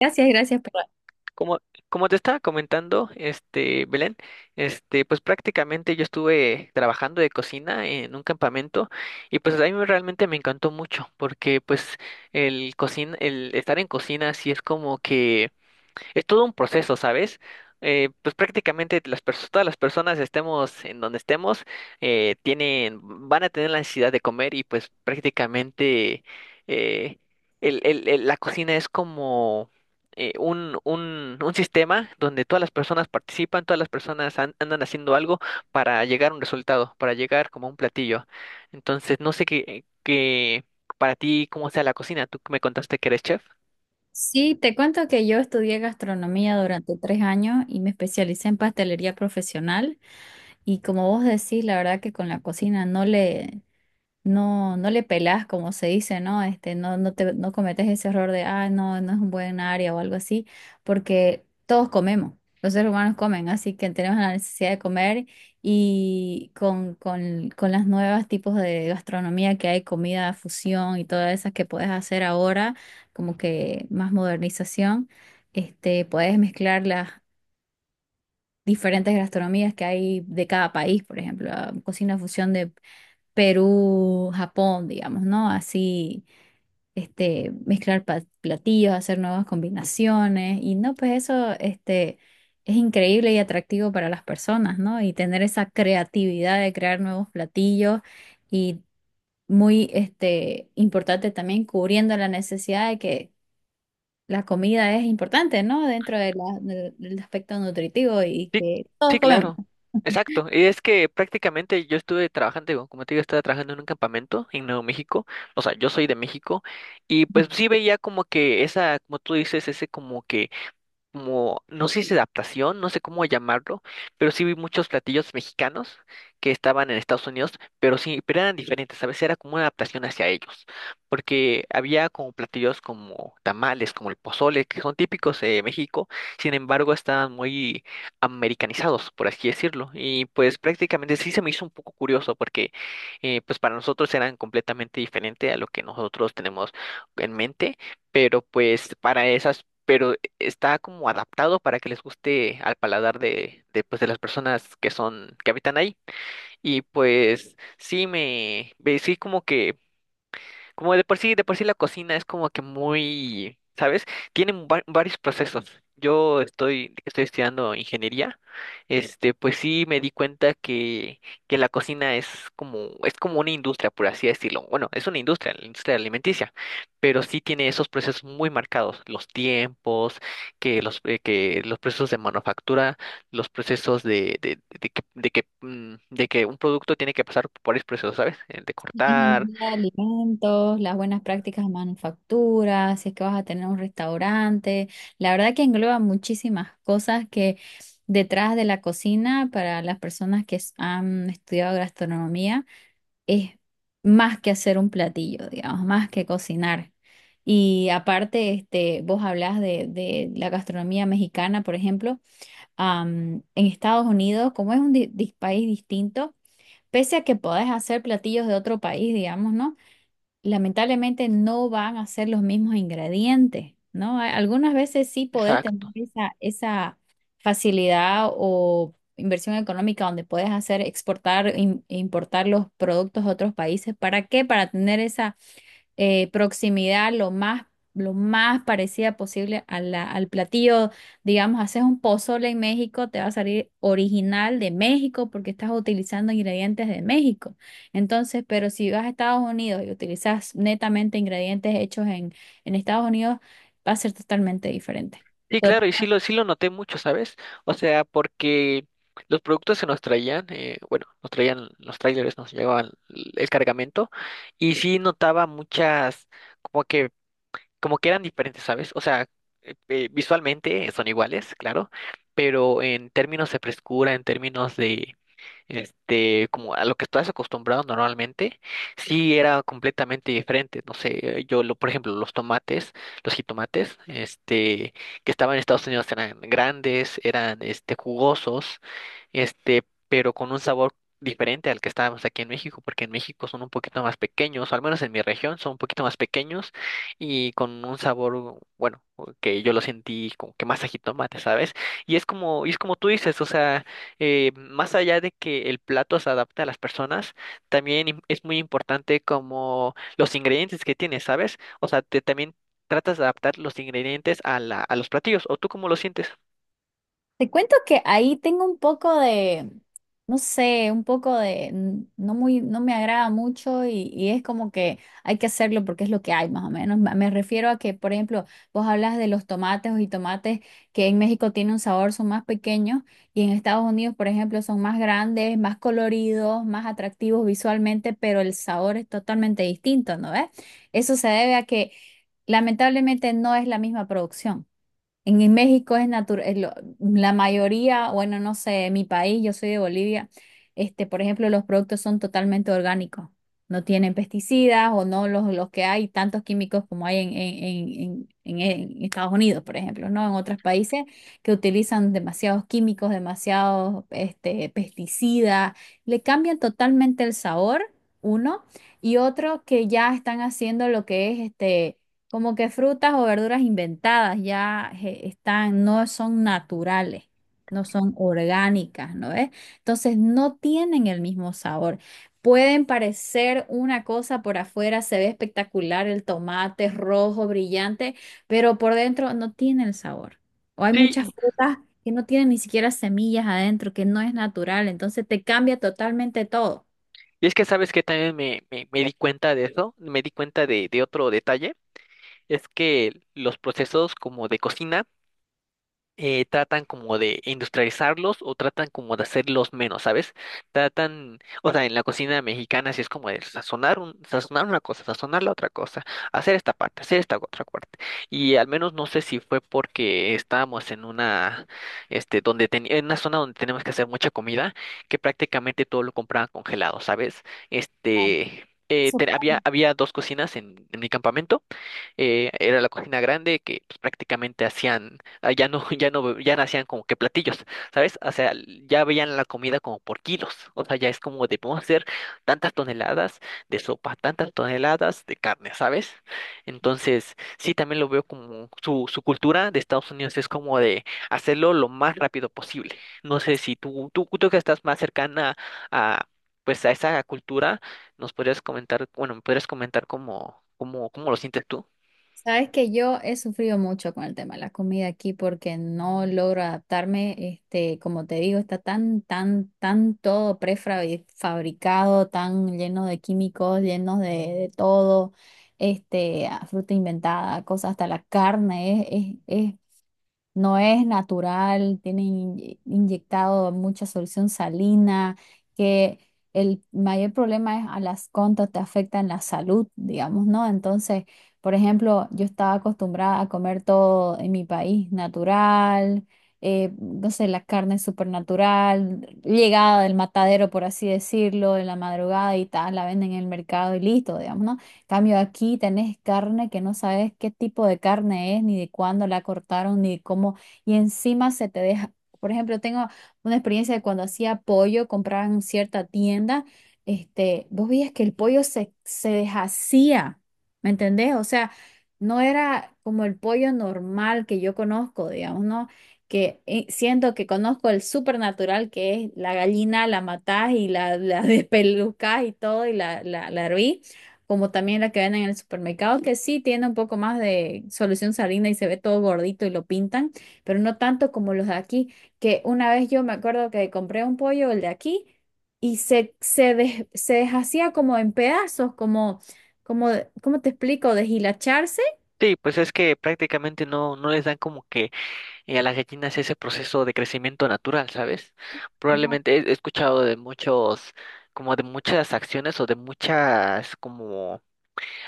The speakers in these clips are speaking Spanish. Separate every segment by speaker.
Speaker 1: Gracias, gracias. Por-
Speaker 2: Como, como te estaba comentando, Belén, pues prácticamente yo estuve trabajando de cocina en un campamento y pues a mí realmente me encantó mucho porque pues el cocina, el estar en cocina sí es como que es todo un proceso, ¿sabes? Pues prácticamente las todas las personas estemos en donde estemos, tienen, van a tener la necesidad de comer y pues prácticamente eh, la cocina es como un sistema donde todas las personas participan, todas las personas andan haciendo algo para llegar a un resultado, para llegar como a un platillo. Entonces, no sé qué para ti, cómo sea la cocina. Tú me contaste que eres chef.
Speaker 1: Sí, te cuento que yo estudié gastronomía durante tres años y me especialicé en pastelería profesional. Y como vos decís, la verdad que con la cocina no le, no, no le pelás, como se dice, ¿no? No, no te, no cometes ese error de, ah, no, no es un buen área o algo así, porque todos comemos, los seres humanos comen, así que tenemos la necesidad de comer y con las nuevas tipos de gastronomía que hay, comida, fusión y todas esas que puedes hacer ahora, como que más modernización, puedes mezclar las diferentes gastronomías que hay de cada país, por ejemplo, ah, cocina fusión Perú, Japón, digamos, ¿no? Así, mezclar platillos, hacer nuevas combinaciones y no, pues eso, es increíble y atractivo para las personas, ¿no? Y tener esa creatividad de crear nuevos platillos y muy, importante también cubriendo la necesidad de que la comida es importante, ¿no? Dentro de del aspecto nutritivo y
Speaker 2: Sí,
Speaker 1: que
Speaker 2: sí,
Speaker 1: todos comemos.
Speaker 2: claro. Exacto. Y es que prácticamente yo estuve trabajando, como te digo, estaba trabajando en un campamento en Nuevo México. O sea, yo soy de México. Y pues sí veía como que esa, como tú dices, ese como que como, no sé si adaptación, no sé cómo llamarlo, pero sí vi muchos platillos mexicanos que estaban en Estados Unidos, pero sí, pero eran diferentes, a veces era como una adaptación hacia ellos, porque había como platillos como tamales, como el pozole, que son típicos de México, sin embargo estaban muy americanizados, por así decirlo, y pues prácticamente sí se me hizo un poco curioso, porque pues para nosotros eran completamente diferente a lo que nosotros tenemos en mente, pero pues para esas... Pero está como adaptado para que les guste al paladar pues, de las personas que son, que habitan ahí. Y pues sí me, sí como que como de por sí la cocina es como que muy, ¿sabes? Tienen varios procesos. Yo estoy estudiando ingeniería. Este, pues sí me di cuenta que la cocina es como una industria, por así decirlo. Bueno, es una industria, la industria alimenticia, pero sí tiene esos procesos muy marcados, los tiempos, que que los procesos de manufactura, los procesos de de que un producto tiene que pasar por varios procesos, ¿sabes? El de cortar.
Speaker 1: Ingeniería de alimentos, las buenas prácticas de manufactura, si es que vas a tener un restaurante. La verdad que engloba muchísimas cosas que detrás de la cocina, para las personas que han estudiado gastronomía, es más que hacer un platillo, digamos, más que cocinar. Y aparte, vos hablás de la gastronomía mexicana, por ejemplo, en Estados Unidos, como es un país distinto, pese a que podés hacer platillos de otro país, digamos, ¿no? Lamentablemente no van a ser los mismos ingredientes, ¿no? Algunas veces sí podés tener
Speaker 2: Exacto.
Speaker 1: esa, esa facilidad o inversión económica donde puedes hacer exportar, importar los productos a otros países. ¿Para qué? Para tener proximidad lo más parecida posible a al platillo. Digamos, haces un pozole en México, te va a salir original de México porque estás utilizando ingredientes de México. Entonces, pero si vas a Estados Unidos y utilizas netamente ingredientes hechos en Estados Unidos, va a ser totalmente diferente.
Speaker 2: Sí, claro, sí lo noté mucho, ¿sabes? O sea, porque los productos se nos traían, bueno, nos traían los trailers, nos llevaban el cargamento, y sí notaba muchas, como que, como que eran diferentes, ¿sabes? O sea, visualmente son iguales, claro, pero en términos de frescura, en términos de como a lo que estás acostumbrado normalmente, sí era completamente diferente. No sé, yo, lo, por ejemplo, los tomates, los jitomates, que estaban en Estados Unidos eran grandes, jugosos, pero con un sabor diferente al que estábamos aquí en México, porque en México son un poquito más pequeños, o al menos en mi región son un poquito más pequeños y con un sabor, bueno, que yo lo sentí como que más a jitomate, ¿sabes? Y es como tú dices, o sea, más allá de que el plato se adapte a las personas, también es muy importante como los ingredientes que tienes, ¿sabes? O sea, te, también tratas de adaptar los ingredientes a la, a los platillos, ¿o tú cómo lo sientes?
Speaker 1: Te cuento que ahí tengo un poco de, no sé, un poco de, no muy, no me agrada mucho y es como que hay que hacerlo porque es lo que hay más o menos. Me refiero a que, por ejemplo, vos hablas de los tomates o jitomates que en México tienen un sabor, son más pequeños y en Estados Unidos, por ejemplo, son más grandes, más coloridos, más atractivos visualmente, pero el sabor es totalmente distinto, ¿no ves? Eso se debe a que lamentablemente no es la misma producción. En México es natural, la mayoría, bueno, no sé, en mi país, yo soy de Bolivia, por ejemplo, los productos son totalmente orgánicos, no tienen pesticidas o no los que hay tantos químicos como hay en, en, en Estados Unidos, por ejemplo, ¿no? En otros países que utilizan demasiados químicos, demasiados pesticidas, le cambian totalmente el sabor, uno, y otro que ya están haciendo lo que es como que frutas o verduras inventadas ya están, no son naturales, no son orgánicas, ¿no ves? Entonces no tienen el mismo sabor. Pueden parecer una cosa por afuera, se ve espectacular, el tomate es rojo, brillante, pero por dentro no tiene el sabor. O hay
Speaker 2: Sí,
Speaker 1: muchas
Speaker 2: y
Speaker 1: frutas que no tienen ni siquiera semillas adentro, que no es natural, entonces te cambia totalmente todo.
Speaker 2: y es que sabes que también me di cuenta de eso, me di cuenta de otro detalle, es que los procesos como de cocina, tratan como de industrializarlos o tratan como de hacerlos menos, ¿sabes? Tratan, o sea, en la cocina mexicana sí es como de sazonar, sazonar una cosa, sazonar la otra cosa, hacer esta parte, hacer esta otra parte. Y al menos no sé si fue porque estábamos en una, donde tenía, en una zona donde tenemos que hacer mucha comida, que prácticamente todo lo compraban congelado, ¿sabes? Este... había, había dos cocinas en mi campamento era la cocina grande que pues, prácticamente hacían, ah, ya no, ya no, ya no hacían como que platillos, ¿sabes? O sea, ya veían la comida como por kilos, o sea, ya es como de, podemos hacer tantas toneladas de sopa, tantas toneladas de carne, ¿sabes? Entonces, sí, también lo veo como su cultura de Estados Unidos es como de hacerlo lo más rápido posible. No sé si tú que estás más cercana a, pues a esa cultura, nos podrías comentar, bueno, me podrías comentar cómo lo sientes tú.
Speaker 1: Sabes que yo he sufrido mucho con el tema de la comida aquí porque no logro adaptarme. Como te digo, está tan todo prefabricado, tan lleno de químicos, llenos de todo, a fruta inventada, cosas, hasta la carne no es natural, tiene inyectado mucha solución salina, que el mayor problema es a las contas te afectan la salud, digamos, ¿no? Entonces, por ejemplo, yo estaba acostumbrada a comer todo en mi país natural, no sé, la carne supernatural, llegada del matadero, por así decirlo, en la madrugada y tal, la venden en el mercado y listo, digamos, ¿no? Cambio aquí tenés carne que no sabes qué tipo de carne es, ni de cuándo la cortaron, ni de cómo, y encima se te deja. Por ejemplo, tengo una experiencia de cuando hacía pollo, compraba en cierta tienda, vos veías que el pollo se deshacía, ¿me entendés? O sea, no era como el pollo normal que yo conozco, digamos, ¿no? Que siento que conozco el supernatural que es la gallina, la matás y la despelucás y todo, y la hervís como también la que venden en el supermercado, que sí tiene un poco más de solución salina y se ve todo gordito y lo pintan, pero no tanto como los de aquí, que una vez yo me acuerdo que compré un pollo, el de aquí, y se deshacía como en pedazos, como, como, ¿cómo te explico? Deshilacharse.
Speaker 2: Sí, pues es que prácticamente no, no les dan como que a las gallinas ese proceso de crecimiento natural, ¿sabes? Probablemente he escuchado de muchos, como de muchas acciones o de muchas, como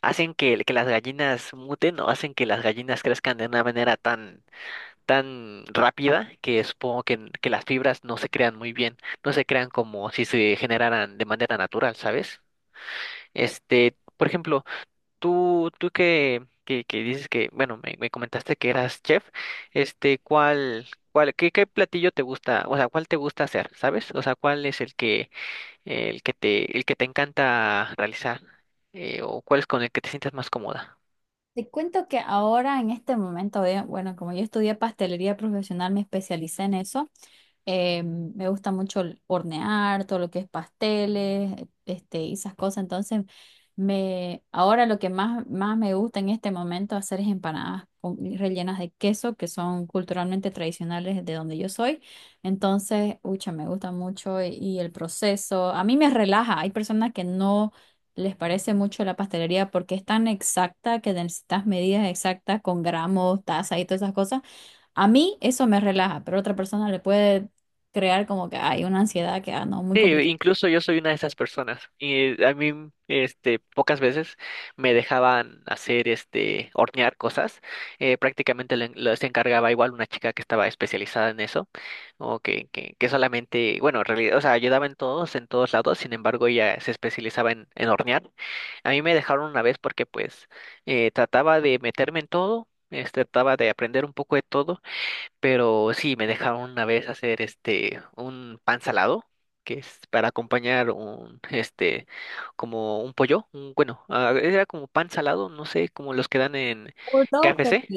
Speaker 2: hacen que las gallinas muten o hacen que las gallinas crezcan de una manera tan, tan rápida que supongo que las fibras no se crean muy bien, no se crean como si se generaran de manera natural, ¿sabes? Este, por ejemplo, Tú que dices que, bueno, me comentaste que eras chef, este, qué, qué platillo te gusta, o sea, cuál te gusta hacer, ¿sabes? O sea, ¿cuál es el que te encanta realizar, o cuál es con el que te sientes más cómoda?
Speaker 1: Te cuento que ahora en este momento, bueno, como yo estudié pastelería profesional, me especialicé en eso. Me gusta mucho el hornear, todo lo que es pasteles, y esas cosas. Entonces, ahora lo que más me gusta en este momento hacer es empanadas rellenas de queso, que son culturalmente tradicionales de donde yo soy. Entonces, ucha, me gusta mucho y el proceso. A mí me relaja. Hay personas que no les parece mucho la pastelería porque es tan exacta que necesitas medidas exactas con gramos, taza y todas esas cosas. A mí eso me relaja, pero a otra persona le puede crear como que hay una ansiedad que, ah, no, muy
Speaker 2: Sí,
Speaker 1: complicada.
Speaker 2: incluso yo soy una de esas personas y a mí, pocas veces me dejaban hacer, este, hornear cosas. Prácticamente se encargaba igual una chica que estaba especializada en eso o que solamente, bueno, en realidad, o sea, ayudaba en todos lados. Sin embargo, ella se especializaba en hornear. A mí me dejaron una vez porque, pues, trataba de meterme en todo. Este, trataba de aprender un poco de todo pero sí, me dejaron una vez hacer este un pan salado, que es para acompañar un este como un pollo, bueno, ah, era como pan salado, no sé, como los que dan en KFC,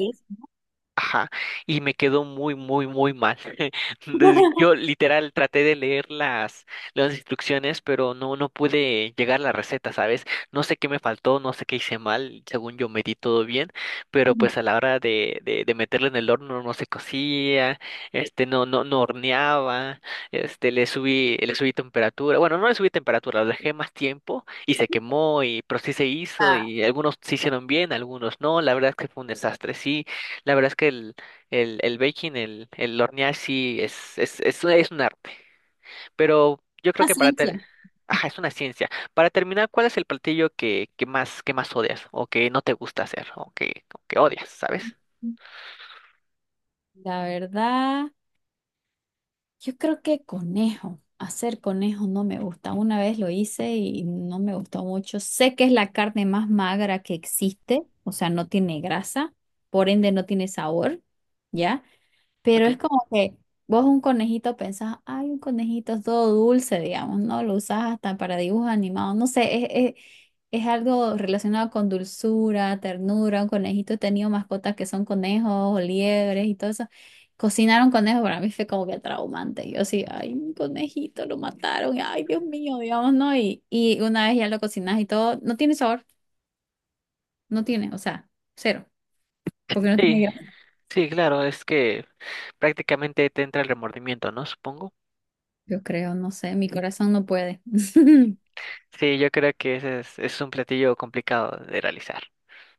Speaker 2: ajá, y me quedó muy mal. Entonces, yo literal traté de leer las instrucciones, pero no, no pude llegar a la receta, ¿sabes? No sé qué me faltó, no sé qué hice mal, según yo medí todo bien, pero
Speaker 1: Ujú.
Speaker 2: pues a la hora de meterlo en el horno no se cocía, no horneaba, este, le subí temperatura, bueno, no le subí temperatura, lo dejé más tiempo y se quemó, y, pero sí se hizo,
Speaker 1: Ah,
Speaker 2: y algunos se hicieron bien, algunos no, la verdad es que fue un desastre, sí. La verdad es que el baking, el hornear sí es un arte. Pero yo creo
Speaker 1: una
Speaker 2: que para
Speaker 1: ciencia.
Speaker 2: ter... Ajá, es una ciencia. Para terminar, ¿cuál es el platillo que más odias o que no te gusta hacer o que odias, ¿sabes?
Speaker 1: La verdad, yo creo que conejo, hacer conejo no me gusta. Una vez lo hice y no me gustó mucho. Sé que es la carne más magra que existe, o sea, no tiene grasa, por ende no tiene sabor, ¿ya? Pero
Speaker 2: Ok.
Speaker 1: es como que vos un conejito pensás, ay, un conejito es todo dulce, digamos, ¿no? Lo usás hasta para dibujos animados, no sé, es algo relacionado con dulzura, ternura, un conejito, he tenido mascotas que son conejos o liebres y todo eso. Cocinar un conejo para mí fue como que traumante. Yo sí, ay, un conejito, lo mataron, y, ay, Dios mío, digamos, ¿no? Y una vez ya lo cocinás y todo, no tiene sabor, no tiene, o sea, cero, porque no tiene
Speaker 2: Sí,
Speaker 1: grasa.
Speaker 2: sí, claro, es que prácticamente te entra el remordimiento, ¿no? Supongo.
Speaker 1: Yo creo, no sé, mi corazón no puede.
Speaker 2: Sí, yo creo que ese es un platillo complicado de realizar.